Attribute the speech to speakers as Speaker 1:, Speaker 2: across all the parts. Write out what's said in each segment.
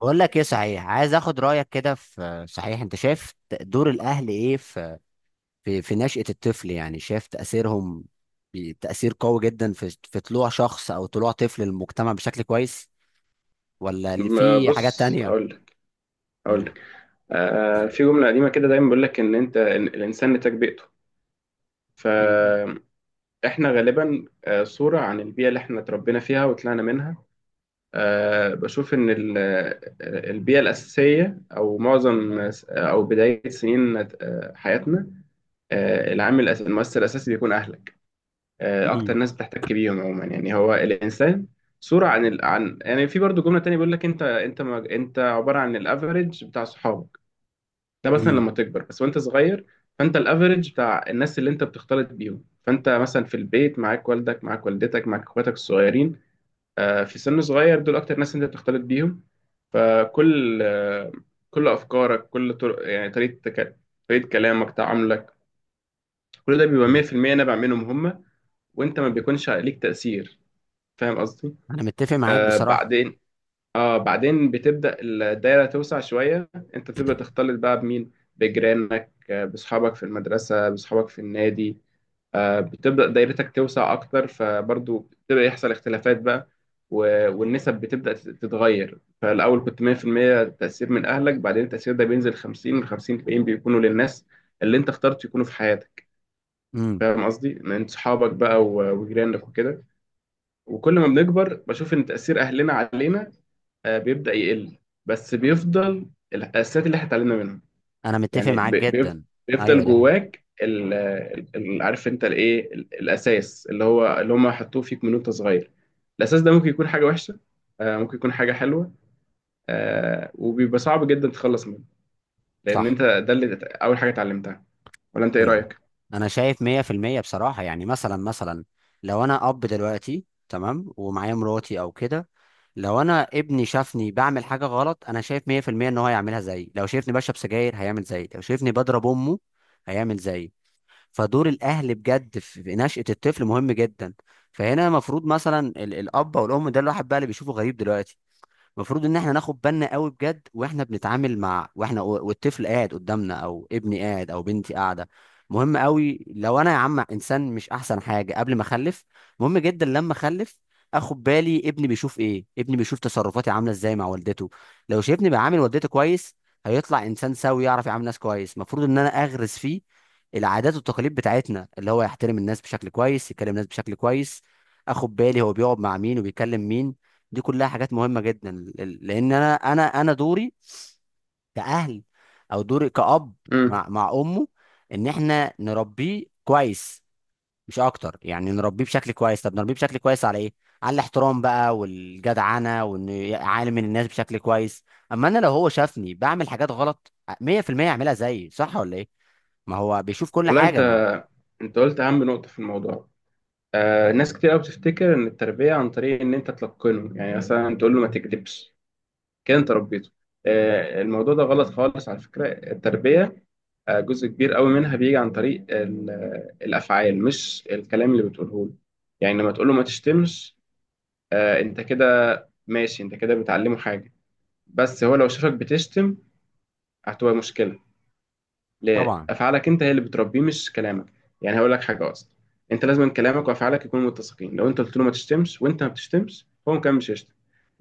Speaker 1: بقول لك ايه؟ صحيح، عايز اخد رايك كده في، صحيح انت شايف دور الاهل ايه في في نشأة الطفل؟ يعني شايف تاثيرهم تاثير قوي جدا في طلوع شخص او طلوع طفل للمجتمع بشكل كويس، ولا اللي في حاجات
Speaker 2: بص،
Speaker 1: تانية؟
Speaker 2: اقول لك اقول
Speaker 1: قول لي.
Speaker 2: لك في جمله قديمه كده دايما بيقول لك ان انت إن الانسان نتاج بيئته.
Speaker 1: مم.
Speaker 2: فاحنا غالبا صوره عن البيئه اللي احنا اتربينا فيها وطلعنا منها. بشوف ان البيئه الاساسيه، او معظم، او بدايه سنين حياتنا، العامل المؤثر الاساسي بيكون اهلك. اكتر
Speaker 1: مم.
Speaker 2: ناس بتحتك بيهم عموما، يعني هو الانسان صورة عن يعني في برضو جملة تانية بيقول لك انت انت ما... انت عبارة عن الافريج بتاع صحابك. ده مثلا
Speaker 1: مم.
Speaker 2: لما تكبر، بس وانت صغير فانت الافريج بتاع الناس اللي انت بتختلط بيهم. فانت مثلا في البيت معاك والدك، معاك والدتك، معاك اخواتك الصغيرين، في سن صغير دول اكتر ناس انت بتختلط بيهم. فكل آه، كل افكارك، كل طرق، يعني طريقه كلامك، تعاملك، كل ده بيبقى
Speaker 1: مم.
Speaker 2: 100% نابع منهم هم، وانت ما بيكونش عليك تاثير. فاهم قصدي؟
Speaker 1: انا متفق معاك
Speaker 2: آه
Speaker 1: بصراحة.
Speaker 2: بعدين اه بعدين بتبدأ الدايرة توسع شوية. انت بتبدأ تختلط بقى بمين؟ بجيرانك، بصحابك في المدرسة، بصحابك في النادي. بتبدأ دايرتك توسع اكتر، فبرضو بتبدأ يحصل اختلافات بقى. والنسب بتبدأ تتغير. فالأول كنت 100% تأثير من أهلك، بعدين التأثير ده بينزل 50 من 50، الباقيين بيكونوا للناس اللي انت اخترت يكونوا في حياتك.
Speaker 1: مم.
Speaker 2: فاهم قصدي؟ من صحابك بقى وجيرانك وكده. وكل ما بنكبر بشوف ان تأثير أهلنا علينا بيبدأ يقل، بس بيفضل الأساسيات اللي احنا اتعلمنا منها،
Speaker 1: انا متفق
Speaker 2: يعني
Speaker 1: معاك جدا. ايوه
Speaker 2: بيفضل
Speaker 1: ده
Speaker 2: جواك، عارف انت الايه، الأساس اللي هو اللي هم حطوه فيك من وانت صغير. الأساس ده ممكن يكون حاجة وحشة، ممكن يكون حاجة حلوة، وبيبقى صعب جدا تتخلص منه، لأن
Speaker 1: صح.
Speaker 2: انت ده اللي أول حاجة اتعلمتها. ولا انت ايه
Speaker 1: انا
Speaker 2: رأيك؟
Speaker 1: انا شايف 100% بصراحة. يعني مثلا لو انا اب دلوقتي تمام ومعايا مراتي او كده، لو انا ابني شافني بعمل حاجه غلط، انا شايف 100% ان هو هيعملها زيي. لو شايفني بشرب سجاير هيعمل زيي، لو شايفني بضرب امه هيعمل زيي. فدور الاهل بجد في نشأة الطفل مهم جدا. فهنا المفروض مثلا الاب او الام، ده الواحد بقى اللي بيشوفه غريب دلوقتي، المفروض ان احنا ناخد بالنا قوي بجد واحنا بنتعامل مع، واحنا والطفل قاعد قدامنا او ابني قاعد او بنتي قاعده. مهم قوي لو انا يا عم انسان مش احسن حاجه قبل ما اخلف، مهم جدا لما اخلف اخد بالي ابني بيشوف ايه، ابني بيشوف تصرفاتي عامله ازاي مع والدته. لو شايفني بعامل والدته كويس هيطلع انسان سوي يعرف يعامل ناس كويس. المفروض ان انا اغرس فيه العادات والتقاليد بتاعتنا، اللي هو يحترم الناس بشكل كويس، يكلم الناس بشكل كويس، اخد بالي هو بيقعد مع مين وبيكلم مين. دي كلها حاجات مهمة جدا، لان انا دوري كأهل او دوري كأب
Speaker 2: امم
Speaker 1: مع امه ان احنا نربيه كويس، مش اكتر. يعني نربيه بشكل كويس، طب نربيه بشكل كويس على ايه؟ على الاحترام بقى والجدعنة، وان عالم من الناس بشكل كويس. اما انا لو هو شافني بعمل حاجات غلط 100% يعملها زيي، صح ولا ايه؟ ما هو بيشوف كل
Speaker 2: والله
Speaker 1: حاجة
Speaker 2: انت
Speaker 1: ما.
Speaker 2: انت قلت اهم نقطه في الموضوع. ناس كتير قوي بتفتكر ان التربيه عن طريق ان انت تلقنه، يعني مثلا تقول له ما تكذبش، كده انت ربيته. الموضوع ده غلط خالص على فكرة. التربية جزء كبير قوي منها بيجي عن طريق الأفعال، مش الكلام اللي بتقوله له. يعني لما تقول له ما تشتمش، انت كده ماشي، انت كده بتعلمه حاجة. بس هو لو شافك بتشتم، هتبقى مشكلة.
Speaker 1: طبعا.
Speaker 2: لافعالك انت هي اللي بتربيه، مش كلامك. يعني هقول لك حاجه اصلا، انت لازم كلامك وافعالك يكونوا متسقين. لو انت قلت له ما تشتمش وانت ما بتشتمش، هو كمان مش هيشتم.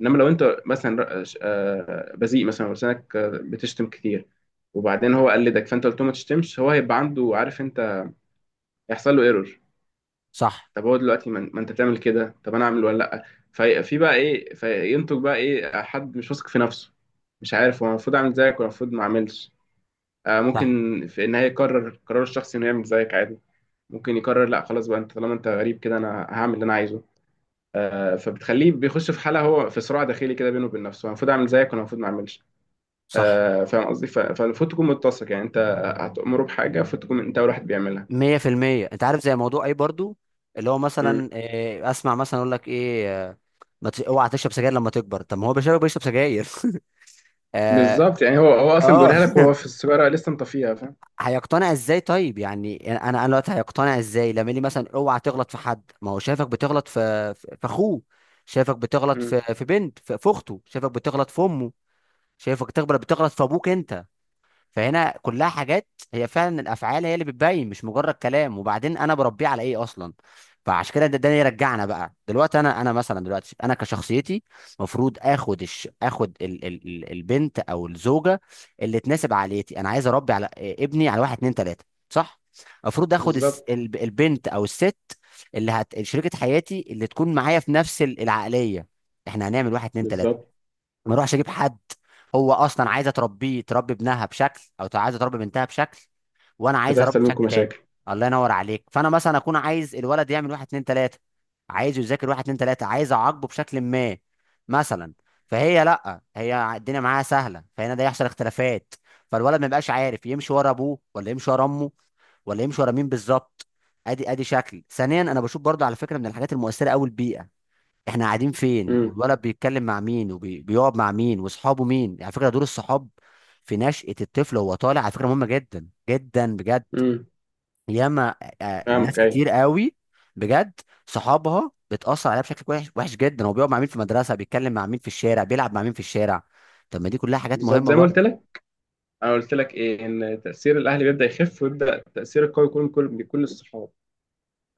Speaker 2: انما لو انت مثلا بذيء مثلا، ولسانك بتشتم كتير، وبعدين هو قلدك، فانت قلت له ما تشتمش، هو هيبقى عنده عارف انت، هيحصل له ايرور.
Speaker 1: صح.
Speaker 2: طب هو دلوقتي ما انت بتعمل كده، طب انا اعمل ولا لا؟ في بقى ايه، فينتج بقى ايه، حد مش واثق في نفسه، مش عارف هو المفروض اعمل زيك ولا المفروض ما اعملش. ممكن
Speaker 1: صح.
Speaker 2: في النهاية يقرر قرار الشخص إنه يعمل زيك عادي، ممكن يقرر لا خلاص بقى، أنت طالما أنت غريب كده أنا هعمل اللي أنا عايزه. فبتخليه بيخش في حالة هو في صراع داخلي كده بينه وبين نفسه، أنا المفروض أعمل زيك وأنا المفروض ما أعملش.
Speaker 1: صح.
Speaker 2: فاهم قصدي؟ فالمفروض تكون متسق، يعني أنت هتأمره بحاجة المفروض تكون أنت أول واحد بيعملها.
Speaker 1: مية في المية. انت عارف زي موضوع ايه برضو، اللي هو
Speaker 2: مم.
Speaker 1: مثلا إيه، اسمع مثلا اقول لك ايه، ما ت- اوعى تشرب سجاير لما تكبر، طب ما هو بيشرب، بيشرب سجاير. اه.
Speaker 2: بالظبط، يعني هو أصلا
Speaker 1: اه
Speaker 2: بيقولها لك وهو في السيجارة لسه مطفيها، فاهم؟
Speaker 1: هيقتنع ازاي طيب؟ يعني انا، دلوقتي هيقتنع ازاي لما يقول لي مثلا اوعى تغلط في حد، ما هو شايفك بتغلط في في اخوه، شايفك بتغلط
Speaker 2: مم.
Speaker 1: في بنت في اخته، شايفك بتغلط في امه، شايفك بتغلط في ابوك انت. فهنا كلها حاجات، هي فعلا الافعال هي اللي بتبين مش مجرد كلام. وبعدين انا بربيه على ايه اصلا؟ فعشان كده ده يرجعنا بقى دلوقتي، انا مثلا دلوقتي انا كشخصيتي المفروض اخد البنت او الزوجه اللي تناسب عائلتي. انا عايز اربي على ابني على واحد اتنين تلاته صح، المفروض
Speaker 2: بالظبط،
Speaker 1: البنت او الست اللي شريكه حياتي، اللي تكون معايا في نفس العقليه. احنا هنعمل واحد اتنين تلاته،
Speaker 2: بالظبط،
Speaker 1: ما اروحش اجيب حد هو اصلا عايزه تربيه، تربي ابنها بشكل، او عايزه تربي بنتها بشكل، وانا عايز اربي
Speaker 2: فتحصل منكم
Speaker 1: بشكل تاني.
Speaker 2: مشاكل.
Speaker 1: الله ينور عليك. فانا مثلا اكون عايز الولد يعمل واحد اتنين تلاته، عايزه يذاكر واحد اتنين تلاته، عايز اعاقبه بشكل ما مثلا، فهي لا، هي الدنيا معاها سهله، فهنا ده يحصل اختلافات. فالولد ما يبقاش عارف يمشي ورا ابوه ولا يمشي ورا امه، ولا يمشي ورا مين بالظبط. ادي ادي شكل. ثانيا، انا بشوف برضو على فكره من الحاجات المؤثره قوي البيئه. احنا قاعدين فين،
Speaker 2: مم.
Speaker 1: والولد بيتكلم مع مين وبيقعد مع مين واصحابه مين. على فكره دور الصحاب في نشأة الطفل وهو طالع على فكره مهمه جدا جدا بجد.
Speaker 2: مم.
Speaker 1: ياما، آه، ناس
Speaker 2: فاهمك، أيوه.
Speaker 1: كتير قوي بجد صحابها بتأثر عليها بشكل وحش وحش جدا. هو بيقعد مع مين في المدرسه، بيتكلم مع مين في الشارع، بيلعب مع مين في الشارع، طب ما دي كلها حاجات
Speaker 2: بالظبط
Speaker 1: مهمه
Speaker 2: زي ما قلت
Speaker 1: برضه.
Speaker 2: لك، انا قلت لك ايه، ان تاثير الاهل بيبدا يخف ويبدا التاثير القوي يكون من كل، من كل الصحاب.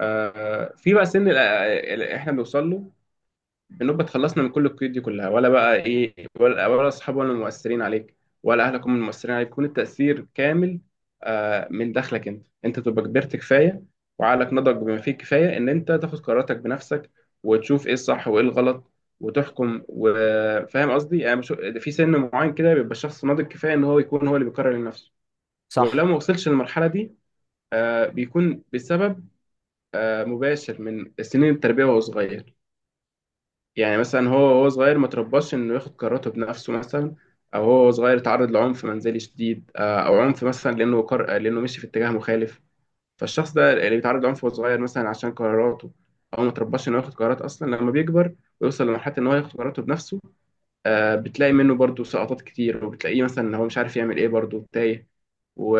Speaker 2: في بقى سن احنا بنوصل له، بنبقى اتخلصنا من كل القيود دي كلها، ولا بقى ايه، ولا اصحاب ولا المؤثرين عليك، ولا اهلك هم المؤثرين عليك، يكون التاثير كامل من داخلك. انت تبقى كبرت كفايه، وعقلك نضج بما فيه الكفايه ان انت تاخد قراراتك بنفسك، وتشوف ايه الصح وايه الغلط وتحكم. وفاهم قصدي؟ يعني في سن معين كده بيبقى الشخص ناضج كفايه ان هو يكون هو اللي بيقرر لنفسه. ولو
Speaker 1: صح.
Speaker 2: ما وصلش للمرحلة دي، بيكون بسبب مباشر من سنين التربية وهو صغير. يعني مثلا هو وهو صغير ما ترباش إنه ياخد قراراته بنفسه مثلا، أو هو وهو صغير اتعرض لعنف منزلي شديد، أو عنف مثلا لأنه قر... آه، لأنه مشي في اتجاه مخالف. فالشخص ده اللي بيتعرض لعنف وهو صغير مثلا عشان قراراته، أو ما ترباش إنه ياخد قرارات أصلا، لما بيكبر ويوصل لمرحلة إن هو ياخد قراراته بنفسه، بتلاقي منه برضه سقطات كتير، وبتلاقيه مثلا إن هو مش عارف يعمل إيه، برضه تايه و...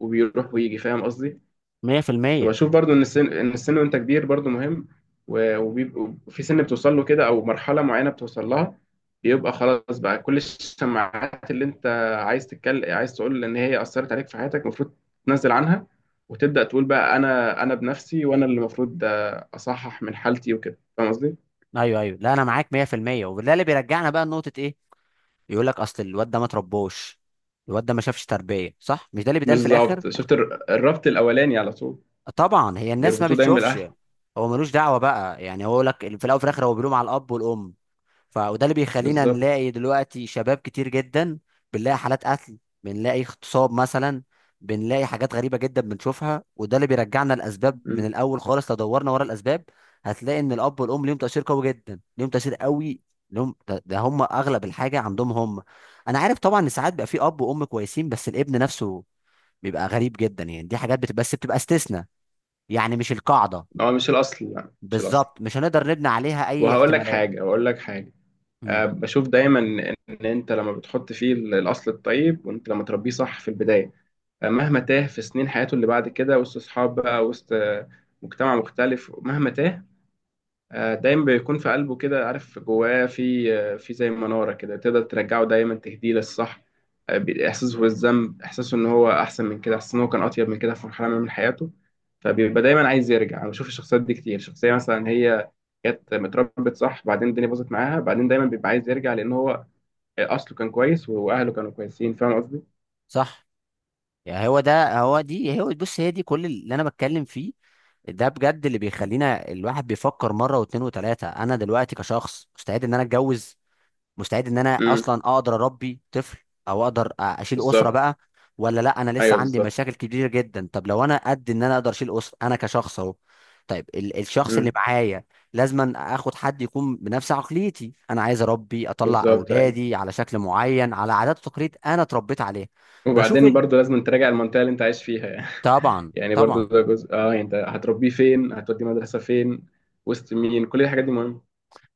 Speaker 2: وبيروح ويجي. فاهم قصدي؟
Speaker 1: 100%.
Speaker 2: وبشوف برضو ان السن، ان السن وانت كبير برضو مهم. وبيبقوا في سن بتوصل له كده، او مرحله معينه بتوصل لها، بيبقى خلاص بقى كل الشماعات اللي انت عايز تتكلم، عايز تقول ان هي اثرت عليك في حياتك، المفروض تنزل عنها وتبدا تقول بقى انا، بنفسي وانا اللي المفروض اصحح من حالتي وكده. فاهم قصدي؟
Speaker 1: ايوه ايوه، لا انا معاك 100%. وده اللي بيرجعنا بقى لنقطه ايه، يقول لك اصل الواد ده ما تربوش، الواد ده ما شافش تربيه صح، مش ده اللي بيتقال في الاخر؟
Speaker 2: بالظبط، شفت الربط الاولاني على طول،
Speaker 1: طبعا هي الناس ما
Speaker 2: بيربطوه دايما
Speaker 1: بتشوفش
Speaker 2: بالاهل.
Speaker 1: هو ملوش دعوه بقى يعني، هو لك في الاول وفي الاخر هو بيلوم على الاب والام. ف، وده اللي بيخلينا
Speaker 2: بالظبط.
Speaker 1: نلاقي دلوقتي شباب كتير جدا، بنلاقي حالات قتل، بنلاقي اغتصاب مثلا، بنلاقي حاجات غريبه جدا بنشوفها. وده اللي بيرجعنا الاسباب من
Speaker 2: مم.
Speaker 1: الاول خالص، لو دورنا ورا الاسباب هتلاقي ان الاب والام ليهم تاثير قوي جدا، ليهم تاثير قوي لهم، ده هم اغلب الحاجه عندهم هم. انا عارف طبعا ان ساعات بيبقى في اب وام كويسين بس الابن نفسه بيبقى غريب جدا، يعني دي حاجات بتبقى، بس بتبقى استثناء، يعني مش القاعدة.
Speaker 2: هو مش الاصل، لا مش الاصل.
Speaker 1: بالظبط، مش هنقدر نبني عليها أي
Speaker 2: وهقول لك
Speaker 1: احتمالات.
Speaker 2: حاجه هقول لك حاجه
Speaker 1: امم.
Speaker 2: بشوف دايما ان انت لما بتحط فيه الاصل الطيب، وانت لما تربيه صح في البدايه، مهما تاه في سنين حياته اللي بعد كده وسط اصحاب بقى، وسط مجتمع مختلف، مهما تاه، دايما بيكون في قلبه كده، عارف جواه في، في زي مناره كده تقدر ترجعه دايما تهديه للصح. احساسه بالذنب، احساسه ان هو احسن من كده، احساسه ان هو كان اطيب من كده في مرحله ما من حياته، فبيبقى دايما عايز يرجع. انا بشوف الشخصيات دي كتير، شخصيه مثلا هي جت متربت صح، بعدين الدنيا باظت معاها، بعدين دايما بيبقى عايز يرجع لان هو اصله كان كويس واهله كانوا كويسين. فاهم قصدي؟
Speaker 1: صح. يعني هو ده، هو دي، هو بص، هي دي كل اللي أنا بتكلم فيه، ده بجد اللي بيخلينا الواحد بيفكر مرة واتنين وتلاتة. أنا دلوقتي كشخص مستعد إن أنا أتجوز؟ مستعد ان انا
Speaker 2: امم.
Speaker 1: اصلا اقدر اربي طفل، او اقدر اشيل اسره
Speaker 2: بالظبط.
Speaker 1: بقى، ولا لا انا لسه
Speaker 2: ايوه،
Speaker 1: عندي
Speaker 2: بالظبط.
Speaker 1: مشاكل كبيره جدا؟ طب لو انا قد ان انا اقدر اشيل اسره انا كشخص اهو، طيب الشخص اللي
Speaker 2: امم.
Speaker 1: معايا لازما اخد حد يكون بنفس عقليتي. انا عايز اربي، اطلع
Speaker 2: بالظبط، ايوه.
Speaker 1: اولادي على شكل معين، على عادات وتقاليد انا اتربيت عليها. بشوف
Speaker 2: وبعدين
Speaker 1: ال...
Speaker 2: برضه لازم تراجع المنطقه اللي انت عايش فيها يعني.
Speaker 1: طبعا
Speaker 2: يعني برضه
Speaker 1: طبعا.
Speaker 2: ده جزء، يعني انت هتربيه فين، هتوديه مدرسه فين، وسط مين، كل الحاجات دي مهمه.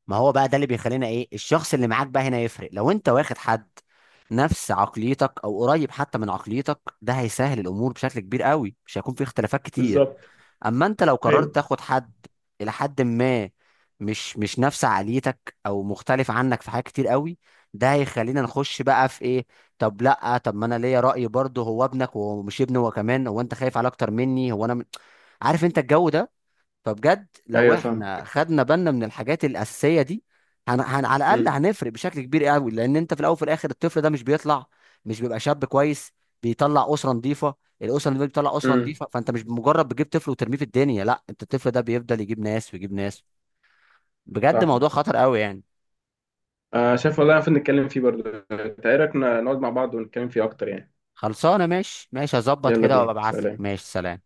Speaker 1: ما هو بقى ده اللي بيخلينا ايه، الشخص اللي معاك بقى هنا يفرق، لو انت واخد حد نفس عقليتك او قريب حتى من عقليتك ده هيسهل الامور بشكل كبير قوي، مش هيكون في اختلافات كتير.
Speaker 2: بالظبط.
Speaker 1: اما انت لو قررت
Speaker 2: ايوه،
Speaker 1: تاخد حد الى حد ما مش، مش نفس عقليتك او مختلف عنك في حاجات كتير قوي، ده هيخلينا نخش بقى في ايه، طب لا طب ما انا ليا رأي برضه، هو ابنك وهو مش ابني، هو كمان هو انت خايف عليه اكتر مني، هو عارف انت الجو ده. فبجد لو
Speaker 2: ايوه. فاهم.
Speaker 1: احنا خدنا بالنا من الحاجات الاساسيه دي على الاقل
Speaker 2: امم.
Speaker 1: هنفرق بشكل كبير قوي. لان انت في الاول وفي الاخر الطفل ده مش بيطلع، مش بيبقى شاب كويس، بيطلع اسره نظيفه. الاسره اللي بتطلع اسره
Speaker 2: امم.
Speaker 1: نظيفه، فانت مش مجرد بتجيب طفل وترميه في الدنيا، لا، انت الطفل ده بيفضل يجيب ناس ويجيب ناس. بجد
Speaker 2: صح.
Speaker 1: موضوع خطر قوي يعني.
Speaker 2: شايف، والله المفروض نتكلم فيه برضه. انت ايه رايك؟ نقعد مع بعض ونتكلم فيه اكتر يعني.
Speaker 1: خلصانه ماشي ماشي، هظبط
Speaker 2: يلا
Speaker 1: كده
Speaker 2: بينا،
Speaker 1: وابعت لك.
Speaker 2: سلام.
Speaker 1: ماشي، سلام.